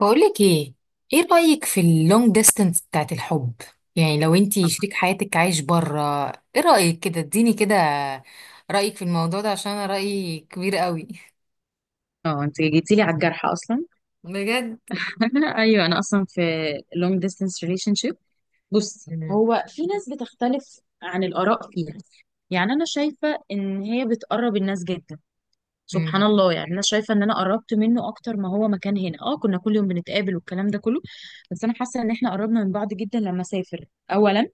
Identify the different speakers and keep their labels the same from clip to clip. Speaker 1: بقولك ايه؟ ايه رأيك في اللونج ديستانس بتاعت الحب؟ يعني لو انتي شريك حياتك عايش بره، ايه رأيك؟ كده اديني كده رأيك في الموضوع ده، عشان انا رأيي كبير قوي.
Speaker 2: اه، انت جيتي لي على الجرح اصلا.
Speaker 1: بجد.
Speaker 2: ايوه، انا اصلا في long distance relationship. بصي،
Speaker 1: مم.
Speaker 2: هو في ناس بتختلف عن الاراء فيها. يعني انا شايفه ان هي بتقرب الناس جدا، سبحان
Speaker 1: مم.
Speaker 2: الله. يعني انا شايفه ان انا قربت منه اكتر ما هو مكان هنا. اه كنا كل يوم بنتقابل والكلام ده كله. بس انا حاسه ان احنا قربنا من بعض جدا لما سافر. اولا،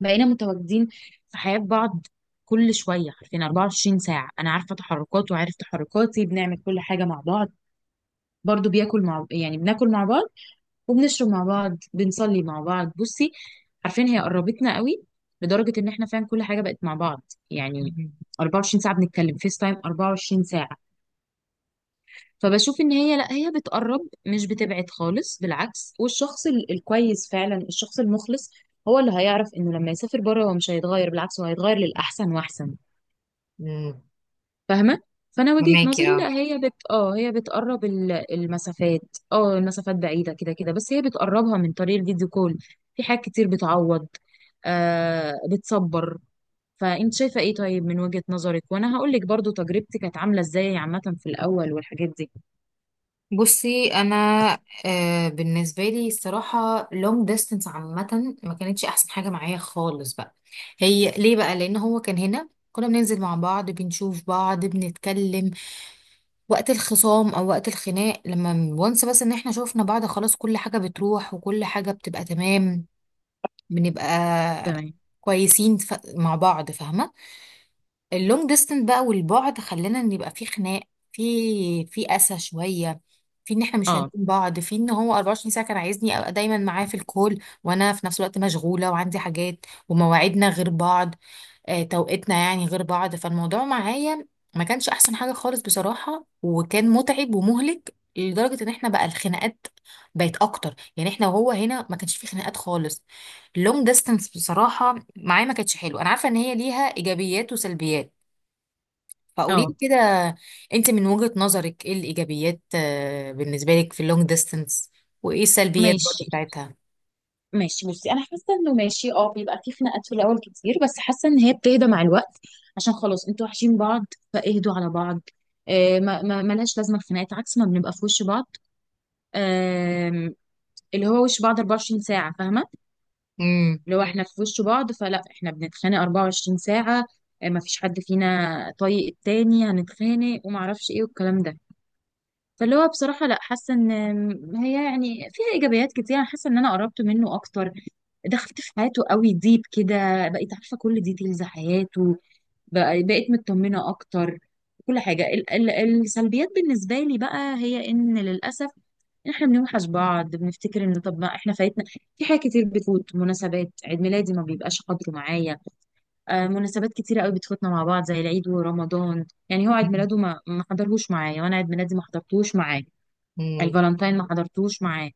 Speaker 2: بقينا متواجدين في حياه بعض كل شويه. عارفين 24 ساعه انا عارفه تحركاته وعارف تحركاتي، بنعمل كل حاجه مع بعض. برضو بياكل مع يعني بناكل مع بعض، وبنشرب مع بعض، بنصلي مع بعض. بصي، عارفين هي قربتنا قوي لدرجة ان احنا فعلا كل حاجة بقت مع بعض. يعني 24 ساعة بنتكلم فيس تايم، 24 ساعة. فبشوف ان هي لا، هي بتقرب مش بتبعد خالص، بالعكس. والشخص الكويس فعلا، الشخص المخلص، هو اللي هيعرف انه لما يسافر بره هو مش هيتغير، بالعكس هو هيتغير للأحسن وأحسن.
Speaker 1: مم.
Speaker 2: فاهمة؟ فأنا وجهة
Speaker 1: فهماكي
Speaker 2: نظري، لا،
Speaker 1: اه.
Speaker 2: هي بت اه هي بتقرب المسافات. اه المسافات بعيدة كده كده، بس هي بتقربها من طريق الفيديو كول. في حاجات كتير بتعوض، بتصبر. فأنت شايفة ايه؟ طيب من وجهة نظرك، وأنا هقولك برضو تجربتي كانت عاملة ازاي عامة في الأول والحاجات دي.
Speaker 1: بصي انا، بالنسبه لي الصراحه لونج ديستانس عامه ما كانتش احسن حاجه معايا خالص بقى. هي ليه بقى؟ لان هو كان هنا كنا بننزل مع بعض، بنشوف بعض، بنتكلم. وقت الخصام او وقت الخناق لما وانس بس ان احنا شوفنا بعض خلاص كل حاجة بتروح وكل حاجة بتبقى تمام. بنبقى
Speaker 2: تمام.
Speaker 1: كويسين مع بعض، فاهمة. اللونج ديستنس بقى والبعد خلانا ان يبقى في خناق، في قسى شوية، في ان احنا مش فاهمين
Speaker 2: اه،
Speaker 1: بعض، في ان هو 24 ساعة كان عايزني ابقى دايما معاه في الكول وانا في نفس الوقت مشغولة وعندي حاجات ومواعيدنا غير بعض. توقيتنا يعني غير بعض. فالموضوع معايا ما كانش احسن حاجة خالص بصراحة، وكان متعب ومهلك لدرجة ان احنا بقى الخناقات بقت اكتر. يعني احنا وهو هنا ما كانش في خناقات خالص. اللونج ديستانس بصراحة معايا ما كانتش حلوة. انا عارفة ان هي ليها ايجابيات وسلبيات. فقولي
Speaker 2: اه،
Speaker 1: لي كده انت من وجهة نظرك، ايه الايجابيات بالنسبة لك في اللونج ديستانس، وايه السلبيات برضه
Speaker 2: ماشي،
Speaker 1: بتاعتها؟
Speaker 2: ماشي. بصي انا حاسه انه ماشي، بيبقى في خناقات في الاول كتير، بس حاسه ان هي بتهدى مع الوقت، عشان خلاص انتوا وحشين بعض فاهدوا على بعض. ما ملاش لازمه الخناقات، عكس ما بنبقى في وش بعض. آه اللي هو وش بعض 24 ساعه، فاهمه؟
Speaker 1: امم.
Speaker 2: اللي هو احنا في وش بعض، فلا احنا بنتخانق 24 ساعه. ما فيش حد فينا طايق التاني هنتخانق وما اعرفش ايه والكلام ده. فاللي هو بصراحة، لا، حاسة ان هي يعني فيها ايجابيات كتير. انا حاسة ان انا قربت منه اكتر، دخلت في حياته قوي ديب كده، بقيت عارفة كل ديتيلز حياته، بقيت مطمنة اكتر كل حاجة. ال ال السلبيات بالنسبة لي بقى، هي ان للأسف احنا بنوحش بعض، بنفتكر ان طب ما احنا فايتنا في حاجات كتير بتفوت. مناسبات عيد ميلادي ما بيبقاش قدره معايا. مناسبات كتيرة قوي بتفوتنا مع بعض، زي العيد ورمضان. يعني هو عيد ميلاده ما حضرهوش معايا، وانا عيد ميلادي ما حضرتهوش معاه.
Speaker 1: امم.
Speaker 2: الفالنتين ما حضرتوش معاه،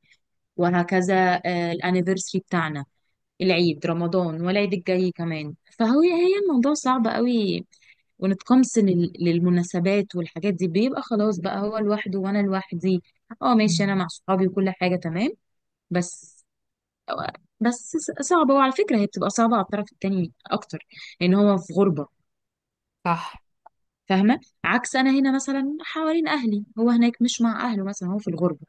Speaker 2: وهكذا. الانيفرسري بتاعنا، العيد، رمضان والعيد الجاي كمان. هي الموضوع صعب قوي، ونتقمص للمناسبات والحاجات دي، بيبقى خلاص بقى هو لوحده وانا لوحدي. اه ماشي، انا مع صحابي وكل حاجة تمام، بس بس صعبة. وعلى فكرة، هي بتبقى صعبة على الطرف التاني اكتر، ان هو في غربة.
Speaker 1: صح.
Speaker 2: فاهمة؟ عكس انا هنا مثلا حوالين اهلي، هو هناك مش مع اهله مثلا، هو في الغربة.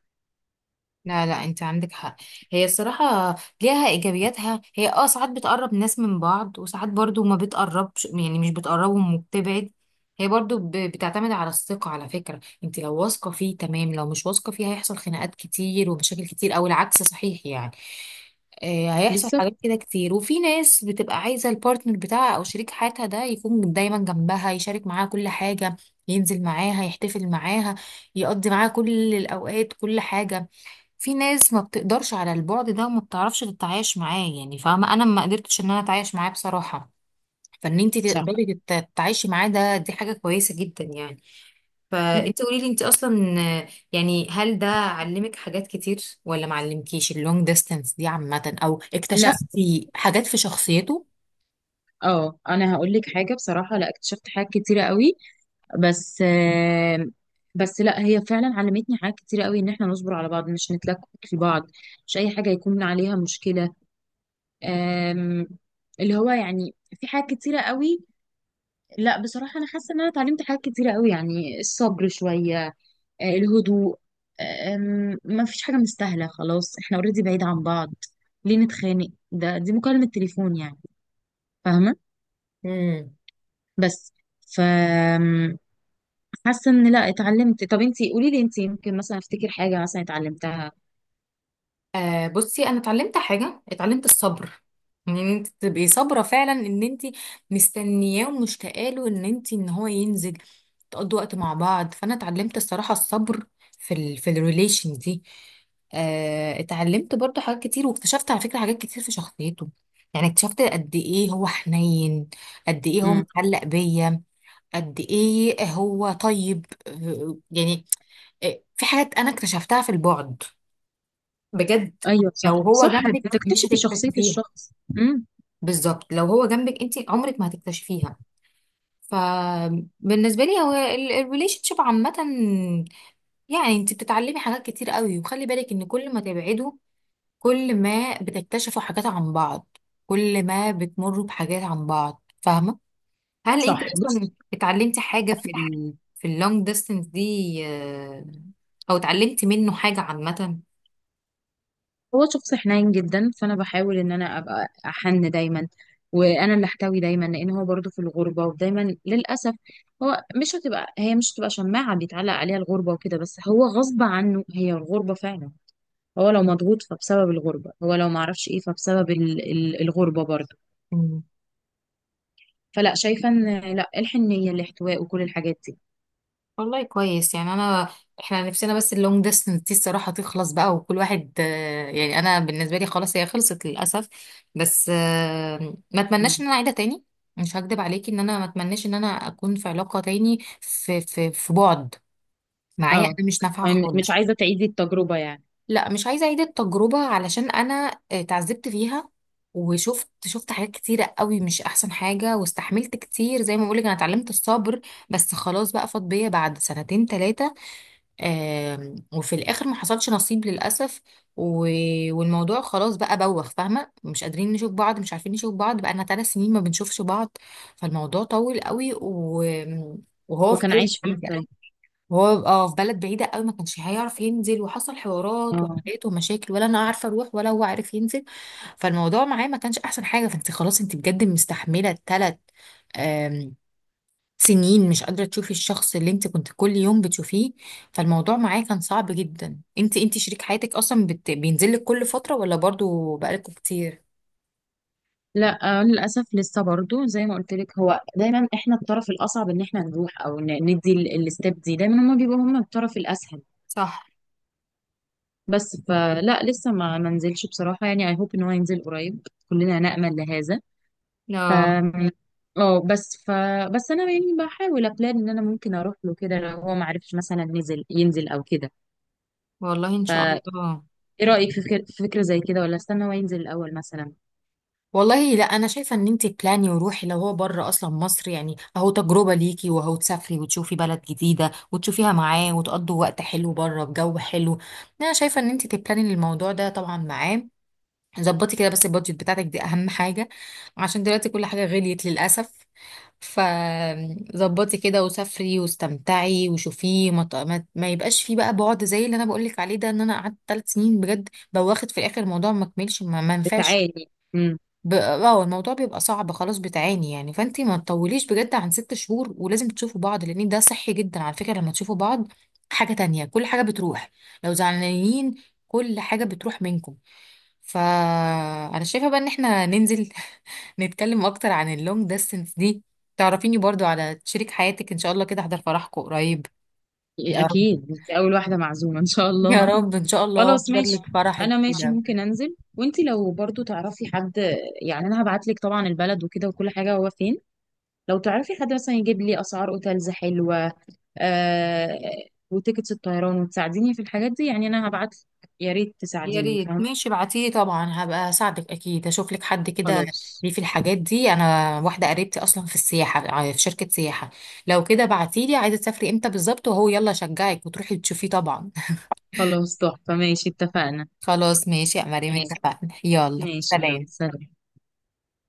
Speaker 1: لا لا، انت عندك حق. هي الصراحة ليها ايجابياتها، هي ساعات بتقرب ناس من بعض وساعات برضو ما بتقربش، يعني مش بتقربهم وبتبعد. هي برضو بتعتمد على الثقة، على فكرة انت لو واثقة فيه تمام، لو مش واثقة فيه هيحصل خناقات كتير ومشاكل كتير، او العكس صحيح يعني. هيحصل
Speaker 2: بالظبط.
Speaker 1: حاجات كده كتير. وفي ناس بتبقى عايزة البارتنر بتاعها او شريك حياتها ده يكون دايما جنبها يشارك معاها كل حاجة، ينزل معاها، يحتفل معاها، يقضي معاها كل الاوقات، كل حاجة. في ناس ما بتقدرش على البعد ده وما بتعرفش تتعايش معاه، يعني فاهمة، انا ما قدرتش ان انا اتعايش معاه بصراحة. فان انت
Speaker 2: صح.
Speaker 1: تقدري تتعايشي معاه ده، دي حاجة كويسة جدا يعني. فانت قولي لي، انت اصلا، يعني هل ده علمك حاجات كتير ولا ما علمكيش اللونج ديستانس دي عامة، او
Speaker 2: لا.
Speaker 1: اكتشفتي حاجات في شخصيته؟
Speaker 2: اه، انا هقول لك حاجه بصراحه، لا، اكتشفت حاجات كتيره قوي. بس آه، بس لا، هي فعلا علمتني حاجات كتيره قوي، ان احنا نصبر على بعض مش نتلكك لبعض، مش اي حاجه يكون عليها مشكله. آم، اللي هو يعني في حاجات كتيره قوي. لا بصراحه، انا حاسه ان انا اتعلمت حاجات كتيره قوي. يعني الصبر شويه، الهدوء. ما فيش حاجه مستاهله، خلاص احنا اوريدي بعيد عن بعض، ليه نتخانق؟ دي مكالمه تليفون يعني، فاهمه؟ بس ف حاسه ان لا، اتعلمت. طب انت قولي لي، انت يمكن مثلا افتكر حاجه مثلا اتعلمتها.
Speaker 1: بصي انا اتعلمت حاجه، اتعلمت الصبر. ان انت تبقي صابره فعلا، ان انت مستنياه ومشتاقه له، ان انت ان هو ينزل تقضوا وقت مع بعض. فانا اتعلمت الصراحه الصبر في الريليشن دي. اتعلمت برضو حاجات كتير واكتشفت على فكره حاجات كتير في شخصيته، يعني اكتشفت قد ايه هو حنين، قد ايه هو
Speaker 2: امم.
Speaker 1: متعلق بيا، قد ايه هو طيب، يعني. في حاجات انا اكتشفتها في البعد بجد.
Speaker 2: ايوه، صح،
Speaker 1: لو هو
Speaker 2: صح،
Speaker 1: جنبك مش
Speaker 2: بتكتشفي شخصيه
Speaker 1: هتكتشفيها.
Speaker 2: الشخص. امم.
Speaker 1: بالظبط، لو هو جنبك انت عمرك ما هتكتشفيها. فبالنسبه لي هو الريليشن شيب عامه، يعني انت بتتعلمي حاجات كتير قوي. وخلي بالك ان كل ما تبعدوا كل ما بتكتشفوا حاجات عن بعض، كل ما بتمروا بحاجات عن بعض، فاهمه. هل انت
Speaker 2: صح.
Speaker 1: اصلا
Speaker 2: بص،
Speaker 1: اتعلمتي حاجه في اللونج ديستانس دي، آه، او اتعلمتي منه حاجه عامه؟
Speaker 2: هو شخص حنين جدا، فانا بحاول ان انا ابقى احن دايما، وانا اللي احتوي دايما، لان هو برضه في الغربه ودايما للاسف. هو مش هتبقى هي مش هتبقى شماعه بيتعلق عليها الغربه وكده، بس هو غصب عنه هي الغربه فعلا. هو لو مضغوط فبسبب الغربه، هو لو معرفش ايه فبسبب الغربه برضه. فلا، شايفه ان لا، الحن، النيه، الاحتواء وكل الحاجات دي.
Speaker 1: والله كويس. يعني انا احنا نفسنا بس اللونج ديستنس دي الصراحه تخلص بقى وكل واحد، يعني انا بالنسبه لي خلاص هي خلصت للاسف. بس ما اتمناش
Speaker 2: مم.
Speaker 1: ان انا اعيدها تاني. مش هكدب عليكي ان انا ما اتمناش ان انا اكون في علاقه تاني في بعد. معايا
Speaker 2: اه،
Speaker 1: انا مش نافعه
Speaker 2: يعني مش
Speaker 1: خالص.
Speaker 2: عايزه تعيدي التجربه يعني.
Speaker 1: لا، مش عايزه اعيد التجربه علشان انا اتعذبت فيها. وشفت حاجات كتيرة قوي مش أحسن حاجة، واستحملت كتير زي ما بقولك أنا اتعلمت الصبر. بس خلاص بقى فاض بيا بعد سنتين تلاتة، وفي الاخر ما حصلش نصيب للاسف. و... والموضوع خلاص بقى بوخ، فاهمه، مش قادرين نشوف بعض، مش عارفين نشوف بعض. بقى لنا 3 سنين ما بنشوفش بعض، فالموضوع طول قوي. وهو
Speaker 2: هو
Speaker 1: في
Speaker 2: كان
Speaker 1: بلد
Speaker 2: عايش في
Speaker 1: بعيده.
Speaker 2: الطيب.
Speaker 1: وهو في بلد بعيده قوي، ما كانش هيعرف ينزل وحصل حوارات
Speaker 2: اه.
Speaker 1: وحاجات ومشاكل، ولا انا عارفه اروح ولا هو عارف ينزل. فالموضوع معاه ما كانش احسن حاجه. فانت خلاص، انت بجد مستحمله 3 سنين مش قادرة تشوفي الشخص اللي انت كنت كل يوم بتشوفيه، فالموضوع معاه كان صعب جدا. انت شريك حياتك اصلا بينزل لك كل فترة ولا برضو بقالكوا كتير؟
Speaker 2: لا، للاسف لسه برضو زي ما قلت لك، هو دايما، احنا الطرف الاصعب، ان احنا نروح او ندي الستيب دي. دايما هما بيبقوا هما الطرف الاسهل،
Speaker 1: صح.
Speaker 2: بس فلا لسه ما منزلش بصراحه. يعني اي هوب ان هو ينزل قريب، كلنا نامل لهذا. ف
Speaker 1: لا.
Speaker 2: اه بس ف بس انا يعني بحاول ابلان ان انا ممكن اروح له كده، لو هو ما عرفش مثلا ينزل او كده.
Speaker 1: والله ان شاء الله.
Speaker 2: ايه رأيك في فكرة زي كده، ولا استنى هو ينزل الأول مثلا؟
Speaker 1: والله لا، انا شايفه ان انت بلاني وروحي، لو هو بره اصلا مصر يعني، اهو تجربه ليكي، وهو تسافري وتشوفي بلد جديده وتشوفيها معاه وتقضوا وقت حلو بره بجو حلو. انا شايفه ان انت تبلاني الموضوع ده طبعا معاه. ظبطي كده، بس البادجت بتاعتك دي اهم حاجه، عشان دلوقتي كل حاجه غليت للاسف. فظبطي كده وسافري واستمتعي وشوفيه، ما, ت- ما, ما يبقاش فيه بقى بعد، زي اللي انا بقولك عليه ده، ان انا قعدت 3 سنين، بجد بواخد في الاخر الموضوع ما كملش، ما ينفعش.
Speaker 2: تعالي. امم.
Speaker 1: الموضوع بيبقى صعب خلاص، بتعاني يعني. فانتي ما تطوليش بجد عن 6 شهور، ولازم تشوفوا بعض، لان ده صحي جدا على فكرة، لما تشوفوا بعض حاجة تانية كل حاجة بتروح، لو زعلانين كل حاجة بتروح منكم. فانا شايفة بقى ان احنا ننزل، نتكلم اكتر عن اللونج ديستنس دي، تعرفيني برضو على شريك حياتك ان شاء الله كده، احضر فرحكم قريب. يا رب.
Speaker 2: اكيد انت اول واحدة معزومة ان شاء
Speaker 1: يا
Speaker 2: الله.
Speaker 1: رب، ان شاء الله
Speaker 2: خلاص
Speaker 1: احضر
Speaker 2: ماشي.
Speaker 1: لك فرحك
Speaker 2: انا ماشي،
Speaker 1: كده.
Speaker 2: ممكن انزل، وانت لو برضو تعرفي حد، يعني انا هبعت لك طبعا البلد وكده وكل حاجة هو فين. لو تعرفي حد مثلا يجيب لي اسعار اوتيلز حلوة، آه وتيكتس الطيران، وتساعديني في الحاجات دي. يعني انا هبعت، يا ريت
Speaker 1: يا
Speaker 2: تساعديني،
Speaker 1: ريت.
Speaker 2: فاهمة؟
Speaker 1: ماشي، ابعتيه طبعا هبقى اساعدك اكيد، اشوف لك حد كده.
Speaker 2: خلاص.
Speaker 1: ليه في الحاجات دي انا واحده قريبتي اصلا في السياحه، في شركه سياحه. لو كده بعتي لي عايزه تسافري امتى بالظبط، وهو يلا شجعك وتروحي تشوفيه طبعا.
Speaker 2: خلاص، تحفة، ماشي، اتفقنا.
Speaker 1: خلاص ماشي يا مريم،
Speaker 2: ماشي.
Speaker 1: اتفقنا، يلا
Speaker 2: ماشي، يلا
Speaker 1: سلام.
Speaker 2: سلام.